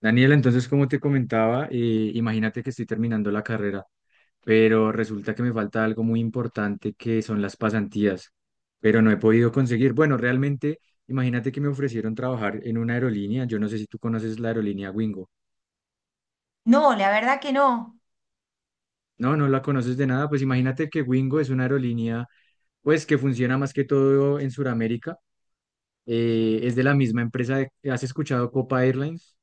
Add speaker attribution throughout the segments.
Speaker 1: Daniela, entonces, como te comentaba, imagínate que estoy terminando la carrera, pero resulta que me falta algo muy importante que son las pasantías, pero no he podido conseguir. Bueno, realmente, imagínate que me ofrecieron trabajar en una aerolínea. Yo no sé si tú conoces la aerolínea Wingo.
Speaker 2: No, la verdad que no.
Speaker 1: No, no la conoces de nada. Pues imagínate que Wingo es una aerolínea, pues que funciona más que todo en Sudamérica. Es de la misma empresa. ¿Has escuchado Copa Airlines?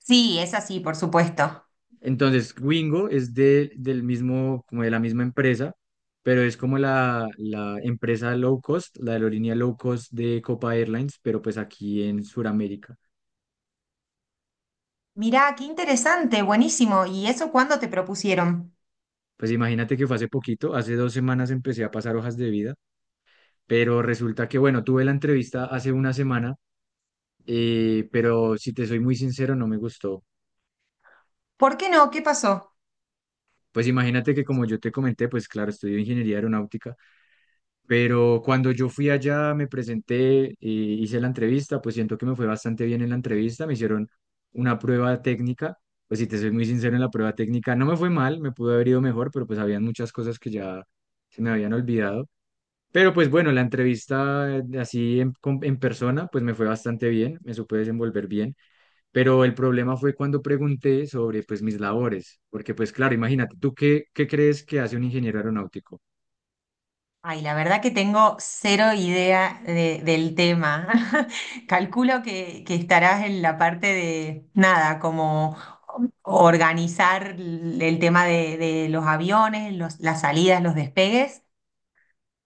Speaker 2: Sí, es así, por supuesto.
Speaker 1: Entonces, Wingo es del mismo, como de la misma empresa, pero es como la empresa low cost, la aerolínea low cost de Copa Airlines, pero pues aquí en Sudamérica.
Speaker 2: Mirá, qué interesante, buenísimo. ¿Y eso cuándo te propusieron?
Speaker 1: Pues imagínate que fue hace poquito, hace dos semanas empecé a pasar hojas de vida, pero resulta que, bueno, tuve la entrevista hace una semana, pero si te soy muy sincero, no me gustó.
Speaker 2: ¿Por qué no? ¿Qué pasó?
Speaker 1: Pues imagínate que como yo te comenté, pues claro, estudio ingeniería aeronáutica. Pero cuando yo fui allá, me presenté y hice la entrevista, pues siento que me fue bastante bien en la entrevista, me hicieron una prueba técnica. Pues si te soy muy sincero, en la prueba técnica no me fue mal, me pudo haber ido mejor, pero pues habían muchas cosas que ya se me habían olvidado. Pero pues bueno, la entrevista así en persona, pues me fue bastante bien, me supe desenvolver bien, pero el problema fue cuando pregunté sobre pues mis labores, porque pues claro, imagínate, ¿tú qué crees que hace un ingeniero aeronáutico?
Speaker 2: Ay, la verdad que tengo cero idea del tema. Calculo que estarás en la parte de, nada, como organizar el tema de los aviones, las salidas, los despegues.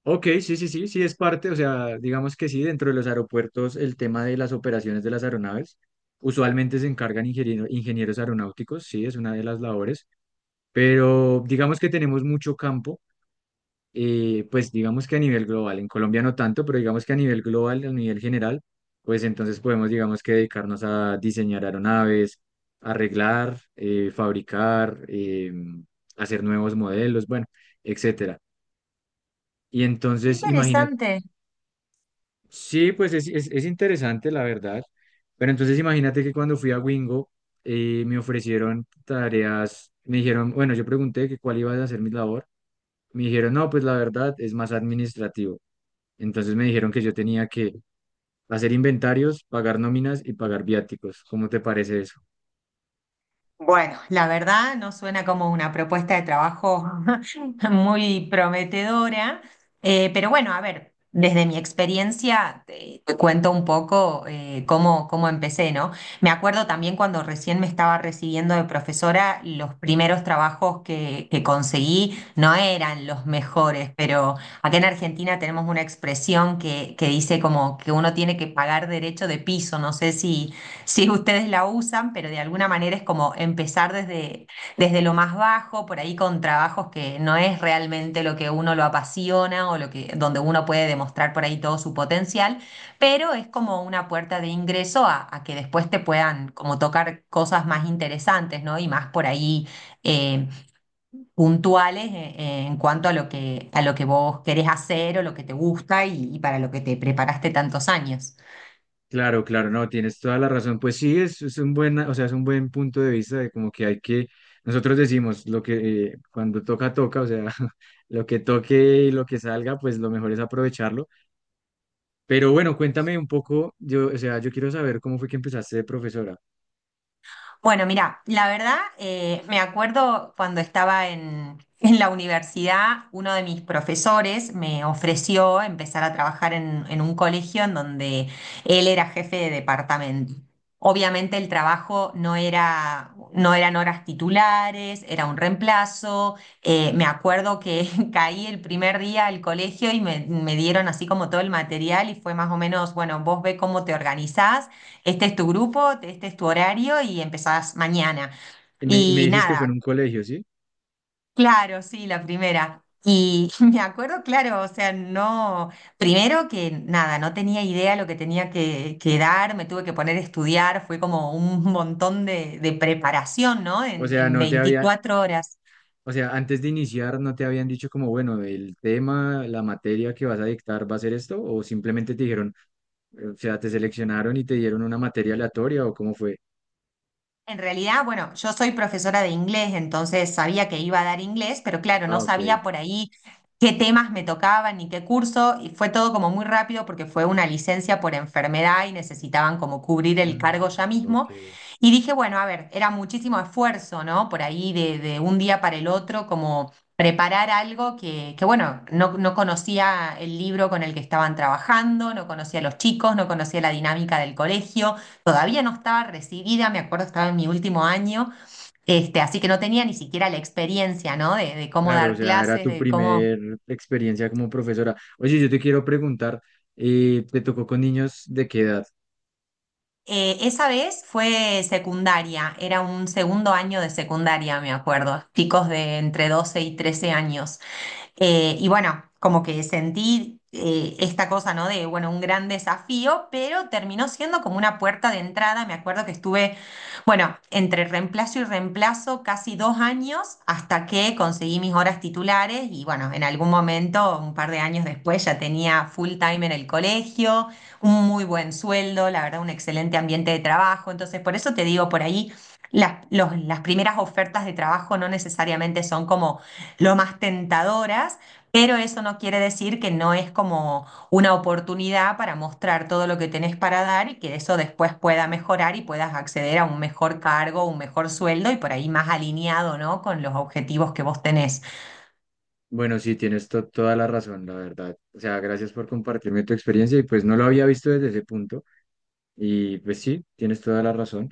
Speaker 1: Ok, sí, sí, sí, sí es parte, o sea, digamos que sí, dentro de los aeropuertos el tema de las operaciones de las aeronaves, usualmente se encargan ingenieros aeronáuticos, sí, es una de las labores, pero digamos que tenemos mucho campo. Pues digamos que a nivel global, en Colombia no tanto, pero digamos que a nivel global, a nivel general, pues entonces podemos, digamos que dedicarnos a diseñar aeronaves, arreglar, fabricar, hacer nuevos modelos, bueno, etcétera. Y
Speaker 2: Qué
Speaker 1: entonces,
Speaker 2: interesante.
Speaker 1: sí, pues es interesante, la verdad. Pero entonces imagínate que cuando fui a Wingo, me ofrecieron tareas, me dijeron, bueno, yo pregunté que cuál iba a ser mi labor, me dijeron, no, pues la verdad es más administrativo. Entonces me dijeron que yo tenía que hacer inventarios, pagar nóminas y pagar viáticos. ¿Cómo te parece eso?
Speaker 2: Bueno, la verdad no suena como una propuesta de trabajo muy prometedora, pero bueno, a ver, desde mi experiencia te cuento un poco cómo, cómo empecé, ¿no? Me acuerdo también cuando recién me estaba recibiendo de profesora, los primeros trabajos que conseguí no eran los mejores, pero acá en Argentina tenemos una expresión que dice como que uno tiene que pagar derecho de piso, no sé si ustedes la usan, pero de alguna manera es como empezar desde, desde lo más bajo, por ahí con trabajos que no es realmente lo que uno lo apasiona o lo que, donde uno puede demostrar por ahí todo su potencial, pero es como una puerta de ingreso a que después te puedan como tocar cosas más interesantes, ¿no? Y más por ahí eh, puntuales en cuanto a lo que vos querés hacer o lo que te gusta y para lo que te preparaste tantos años.
Speaker 1: Claro, claro, no, tienes toda la razón. Pues sí, es un buen, o sea, es un buen punto de vista de como que hay que, nosotros decimos lo que cuando toca, toca, o sea, lo que toque y lo que salga, pues lo mejor es aprovecharlo. Pero bueno, cuéntame un poco, yo, o sea, yo quiero saber cómo fue que empezaste de profesora.
Speaker 2: Bueno, mira, la verdad, me acuerdo cuando estaba en la universidad, uno de mis profesores me ofreció empezar a trabajar en un colegio en donde él era jefe de departamento. Obviamente el trabajo no eran horas titulares, era un reemplazo. Me acuerdo que caí el primer día al colegio me dieron así como todo el material y fue más o menos, bueno, vos ve cómo te organizás, este es tu grupo, este es tu horario y empezás mañana.
Speaker 1: Y me
Speaker 2: Y
Speaker 1: dices que fue en
Speaker 2: nada,
Speaker 1: un colegio, ¿sí?
Speaker 2: claro, sí, la primera. Y me acuerdo, claro, o sea, no, primero que nada, no tenía idea lo que tenía que dar, me tuve que poner a estudiar, fue como un montón de preparación, ¿no?
Speaker 1: O sea,
Speaker 2: En
Speaker 1: no te había,
Speaker 2: 24 horas.
Speaker 1: o sea, antes de iniciar no te habían dicho como, bueno, el tema, la materia que vas a dictar va a ser esto, o simplemente te dijeron, o sea, te seleccionaron y te dieron una materia aleatoria, o cómo fue.
Speaker 2: En realidad, bueno, yo soy profesora de inglés, entonces sabía que iba a dar inglés, pero claro, no
Speaker 1: Ah, ok.
Speaker 2: sabía por ahí qué temas me tocaban ni qué curso, y fue todo como muy rápido porque fue una licencia por enfermedad y necesitaban como cubrir el
Speaker 1: Mm,
Speaker 2: cargo ya
Speaker 1: ok.
Speaker 2: mismo. Y dije, bueno, a ver, era muchísimo esfuerzo, ¿no? Por ahí de un día para el otro, como preparar algo que bueno, no conocía el libro con el que estaban trabajando, no conocía a los chicos, no conocía la dinámica del colegio. Todavía no estaba recibida, me acuerdo, estaba en mi último año, este, así que no tenía ni siquiera la experiencia, ¿no? De cómo
Speaker 1: Claro, o
Speaker 2: dar
Speaker 1: sea, era
Speaker 2: clases,
Speaker 1: tu
Speaker 2: de cómo...
Speaker 1: primer experiencia como profesora. Oye, yo te quiero preguntar, ¿te tocó con niños de qué edad?
Speaker 2: Esa vez fue secundaria, era un segundo año de secundaria, me acuerdo, chicos de entre 12 y 13 años. Y bueno, como que sentí esta cosa, ¿no? De, bueno, un gran desafío, pero terminó siendo como una puerta de entrada. Me acuerdo que estuve, bueno, entre reemplazo y reemplazo casi 2 años hasta que conseguí mis horas titulares y bueno, en algún momento, un par de años después, ya tenía full time en el colegio, un muy buen sueldo, la verdad, un excelente ambiente de trabajo. Entonces, por eso te digo, por ahí. Las primeras ofertas de trabajo no necesariamente son como lo más tentadoras, pero eso no quiere decir que no es como una oportunidad para mostrar todo lo que tenés para dar y que eso después pueda mejorar y puedas acceder a un mejor cargo, un mejor sueldo y por ahí más alineado, ¿no?, con los objetivos que vos tenés.
Speaker 1: Bueno, sí, tienes toda la razón, la verdad. O sea, gracias por compartirme tu experiencia y pues no lo había visto desde ese punto. Y pues sí, tienes toda la razón.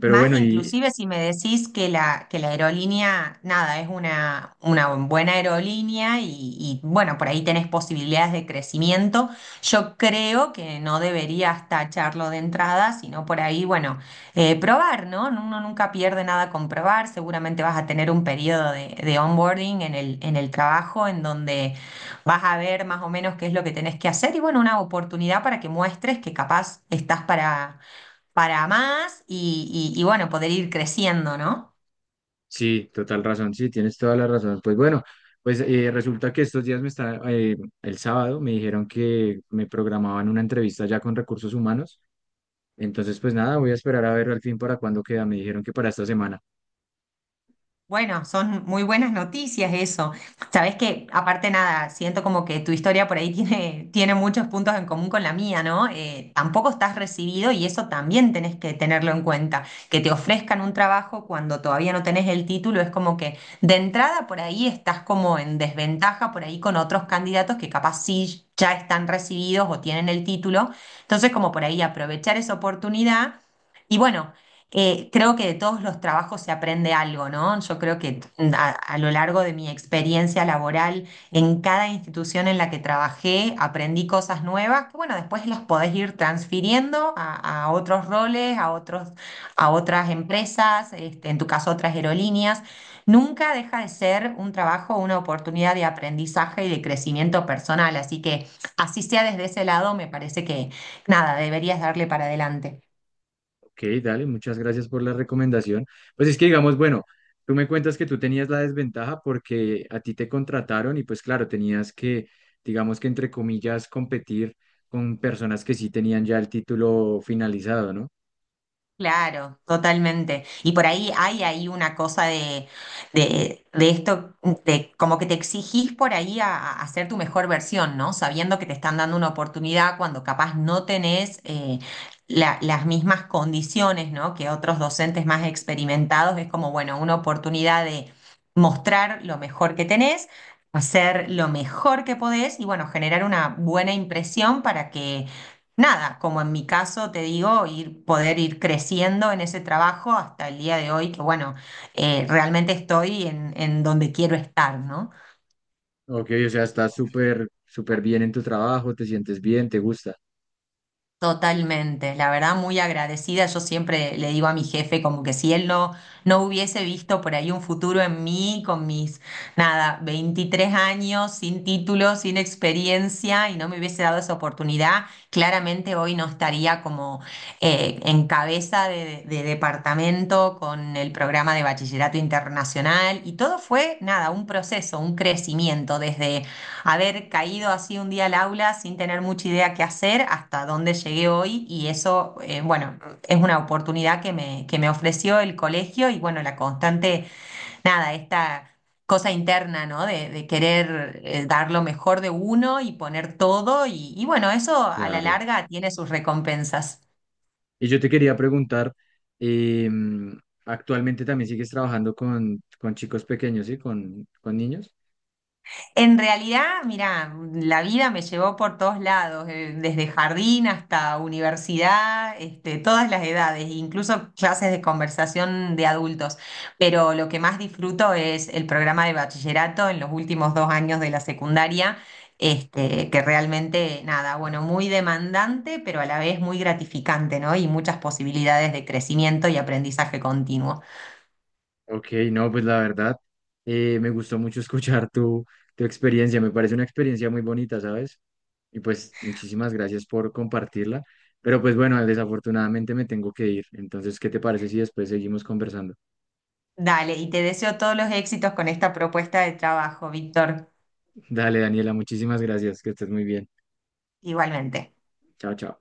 Speaker 1: Pero
Speaker 2: Más
Speaker 1: bueno, y
Speaker 2: inclusive si me decís que que la aerolínea, nada, es una buena aerolínea y, bueno, por ahí tenés posibilidades de crecimiento, yo creo que no deberías tacharlo de entrada, sino por ahí, bueno, probar, ¿no? Uno nunca pierde nada con probar, seguramente vas a tener un periodo de onboarding en en el trabajo en donde vas a ver más o menos qué es lo que tenés que hacer y bueno, una oportunidad para que muestres que capaz estás para más bueno, poder ir creciendo, ¿no?
Speaker 1: sí, total razón, sí, tienes toda la razón. Pues bueno, pues resulta que estos días me está, el sábado me dijeron que me programaban una entrevista ya con recursos humanos. Entonces, pues nada, voy a esperar a ver al fin para cuándo queda. Me dijeron que para esta semana.
Speaker 2: Bueno, son muy buenas noticias eso. Sabes que, aparte nada, siento como que tu historia por ahí tiene, tiene muchos puntos en común con la mía, ¿no? Tampoco estás recibido y eso también tenés que tenerlo en cuenta. Que te ofrezcan un trabajo cuando todavía no tenés el título es como que de entrada por ahí estás como en desventaja por ahí con otros candidatos que capaz sí ya están recibidos o tienen el título. Entonces, como por ahí aprovechar esa oportunidad. Y bueno. Creo que de todos los trabajos se aprende algo, ¿no? Yo creo que a lo largo de mi experiencia laboral, en cada institución en la que trabajé, aprendí cosas nuevas que, bueno, después las podés ir transfiriendo a otros roles, a otros, a otras empresas, este, en tu caso, otras aerolíneas. Nunca deja de ser un trabajo, una oportunidad de aprendizaje y de crecimiento personal. Así que, así sea desde ese lado, me parece que, nada, deberías darle para adelante.
Speaker 1: Ok, dale, muchas gracias por la recomendación. Pues es que digamos, bueno, tú me cuentas que tú tenías la desventaja porque a ti te contrataron y pues claro, tenías que, digamos que entre comillas, competir con personas que sí tenían ya el título finalizado, ¿no?
Speaker 2: Claro, totalmente. Y por ahí hay ahí una cosa de, de esto, de como que te exigís por ahí a hacer tu mejor versión, ¿no? Sabiendo que te están dando una oportunidad cuando capaz no tenés las mismas condiciones, ¿no? Que otros docentes más experimentados. Es como, bueno, una oportunidad de mostrar lo mejor que tenés, hacer lo mejor que podés y, bueno, generar una buena impresión para que nada, como en mi caso te digo, ir, poder ir creciendo en ese trabajo hasta el día de hoy, que bueno, realmente estoy en donde quiero estar, ¿no?
Speaker 1: Ok, o sea, estás súper, súper bien en tu trabajo, te sientes bien, te gusta.
Speaker 2: Totalmente, la verdad muy agradecida. Yo siempre le digo a mi jefe como que si él no, no hubiese visto por ahí un futuro en mí con mis, nada, 23 años, sin título, sin experiencia y no me hubiese dado esa oportunidad, claramente hoy no estaría como en cabeza de departamento con el programa de bachillerato internacional y todo fue, nada, un proceso, un crecimiento desde haber caído así un día al aula sin tener mucha idea qué hacer hasta dónde llegué hoy y eso, bueno, es una oportunidad que me ofreció el colegio y bueno, la constante, nada, esta cosa interna, ¿no? De querer dar lo mejor de uno y poner todo y bueno, eso a la
Speaker 1: Claro.
Speaker 2: larga tiene sus recompensas.
Speaker 1: Y yo te quería preguntar, em, actualmente también sigues trabajando con chicos pequeños, ¿sí? Con niños.
Speaker 2: En realidad, mira, la vida me llevó por todos lados, desde jardín hasta universidad, este, todas las edades, incluso clases de conversación de adultos. Pero lo que más disfruto es el programa de bachillerato en los últimos 2 años de la secundaria, este, que realmente, nada, bueno, muy demandante, pero a la vez muy gratificante, ¿no? Y muchas posibilidades de crecimiento y aprendizaje continuo.
Speaker 1: Ok, no, pues la verdad, me gustó mucho escuchar tu, tu experiencia, me parece una experiencia muy bonita, ¿sabes? Y pues muchísimas gracias por compartirla, pero pues bueno, desafortunadamente me tengo que ir, entonces, ¿qué te parece si después seguimos conversando?
Speaker 2: Dale, y te deseo todos los éxitos con esta propuesta de trabajo, Víctor.
Speaker 1: Dale, Daniela, muchísimas gracias, que estés muy bien.
Speaker 2: Igualmente.
Speaker 1: Chao, chao.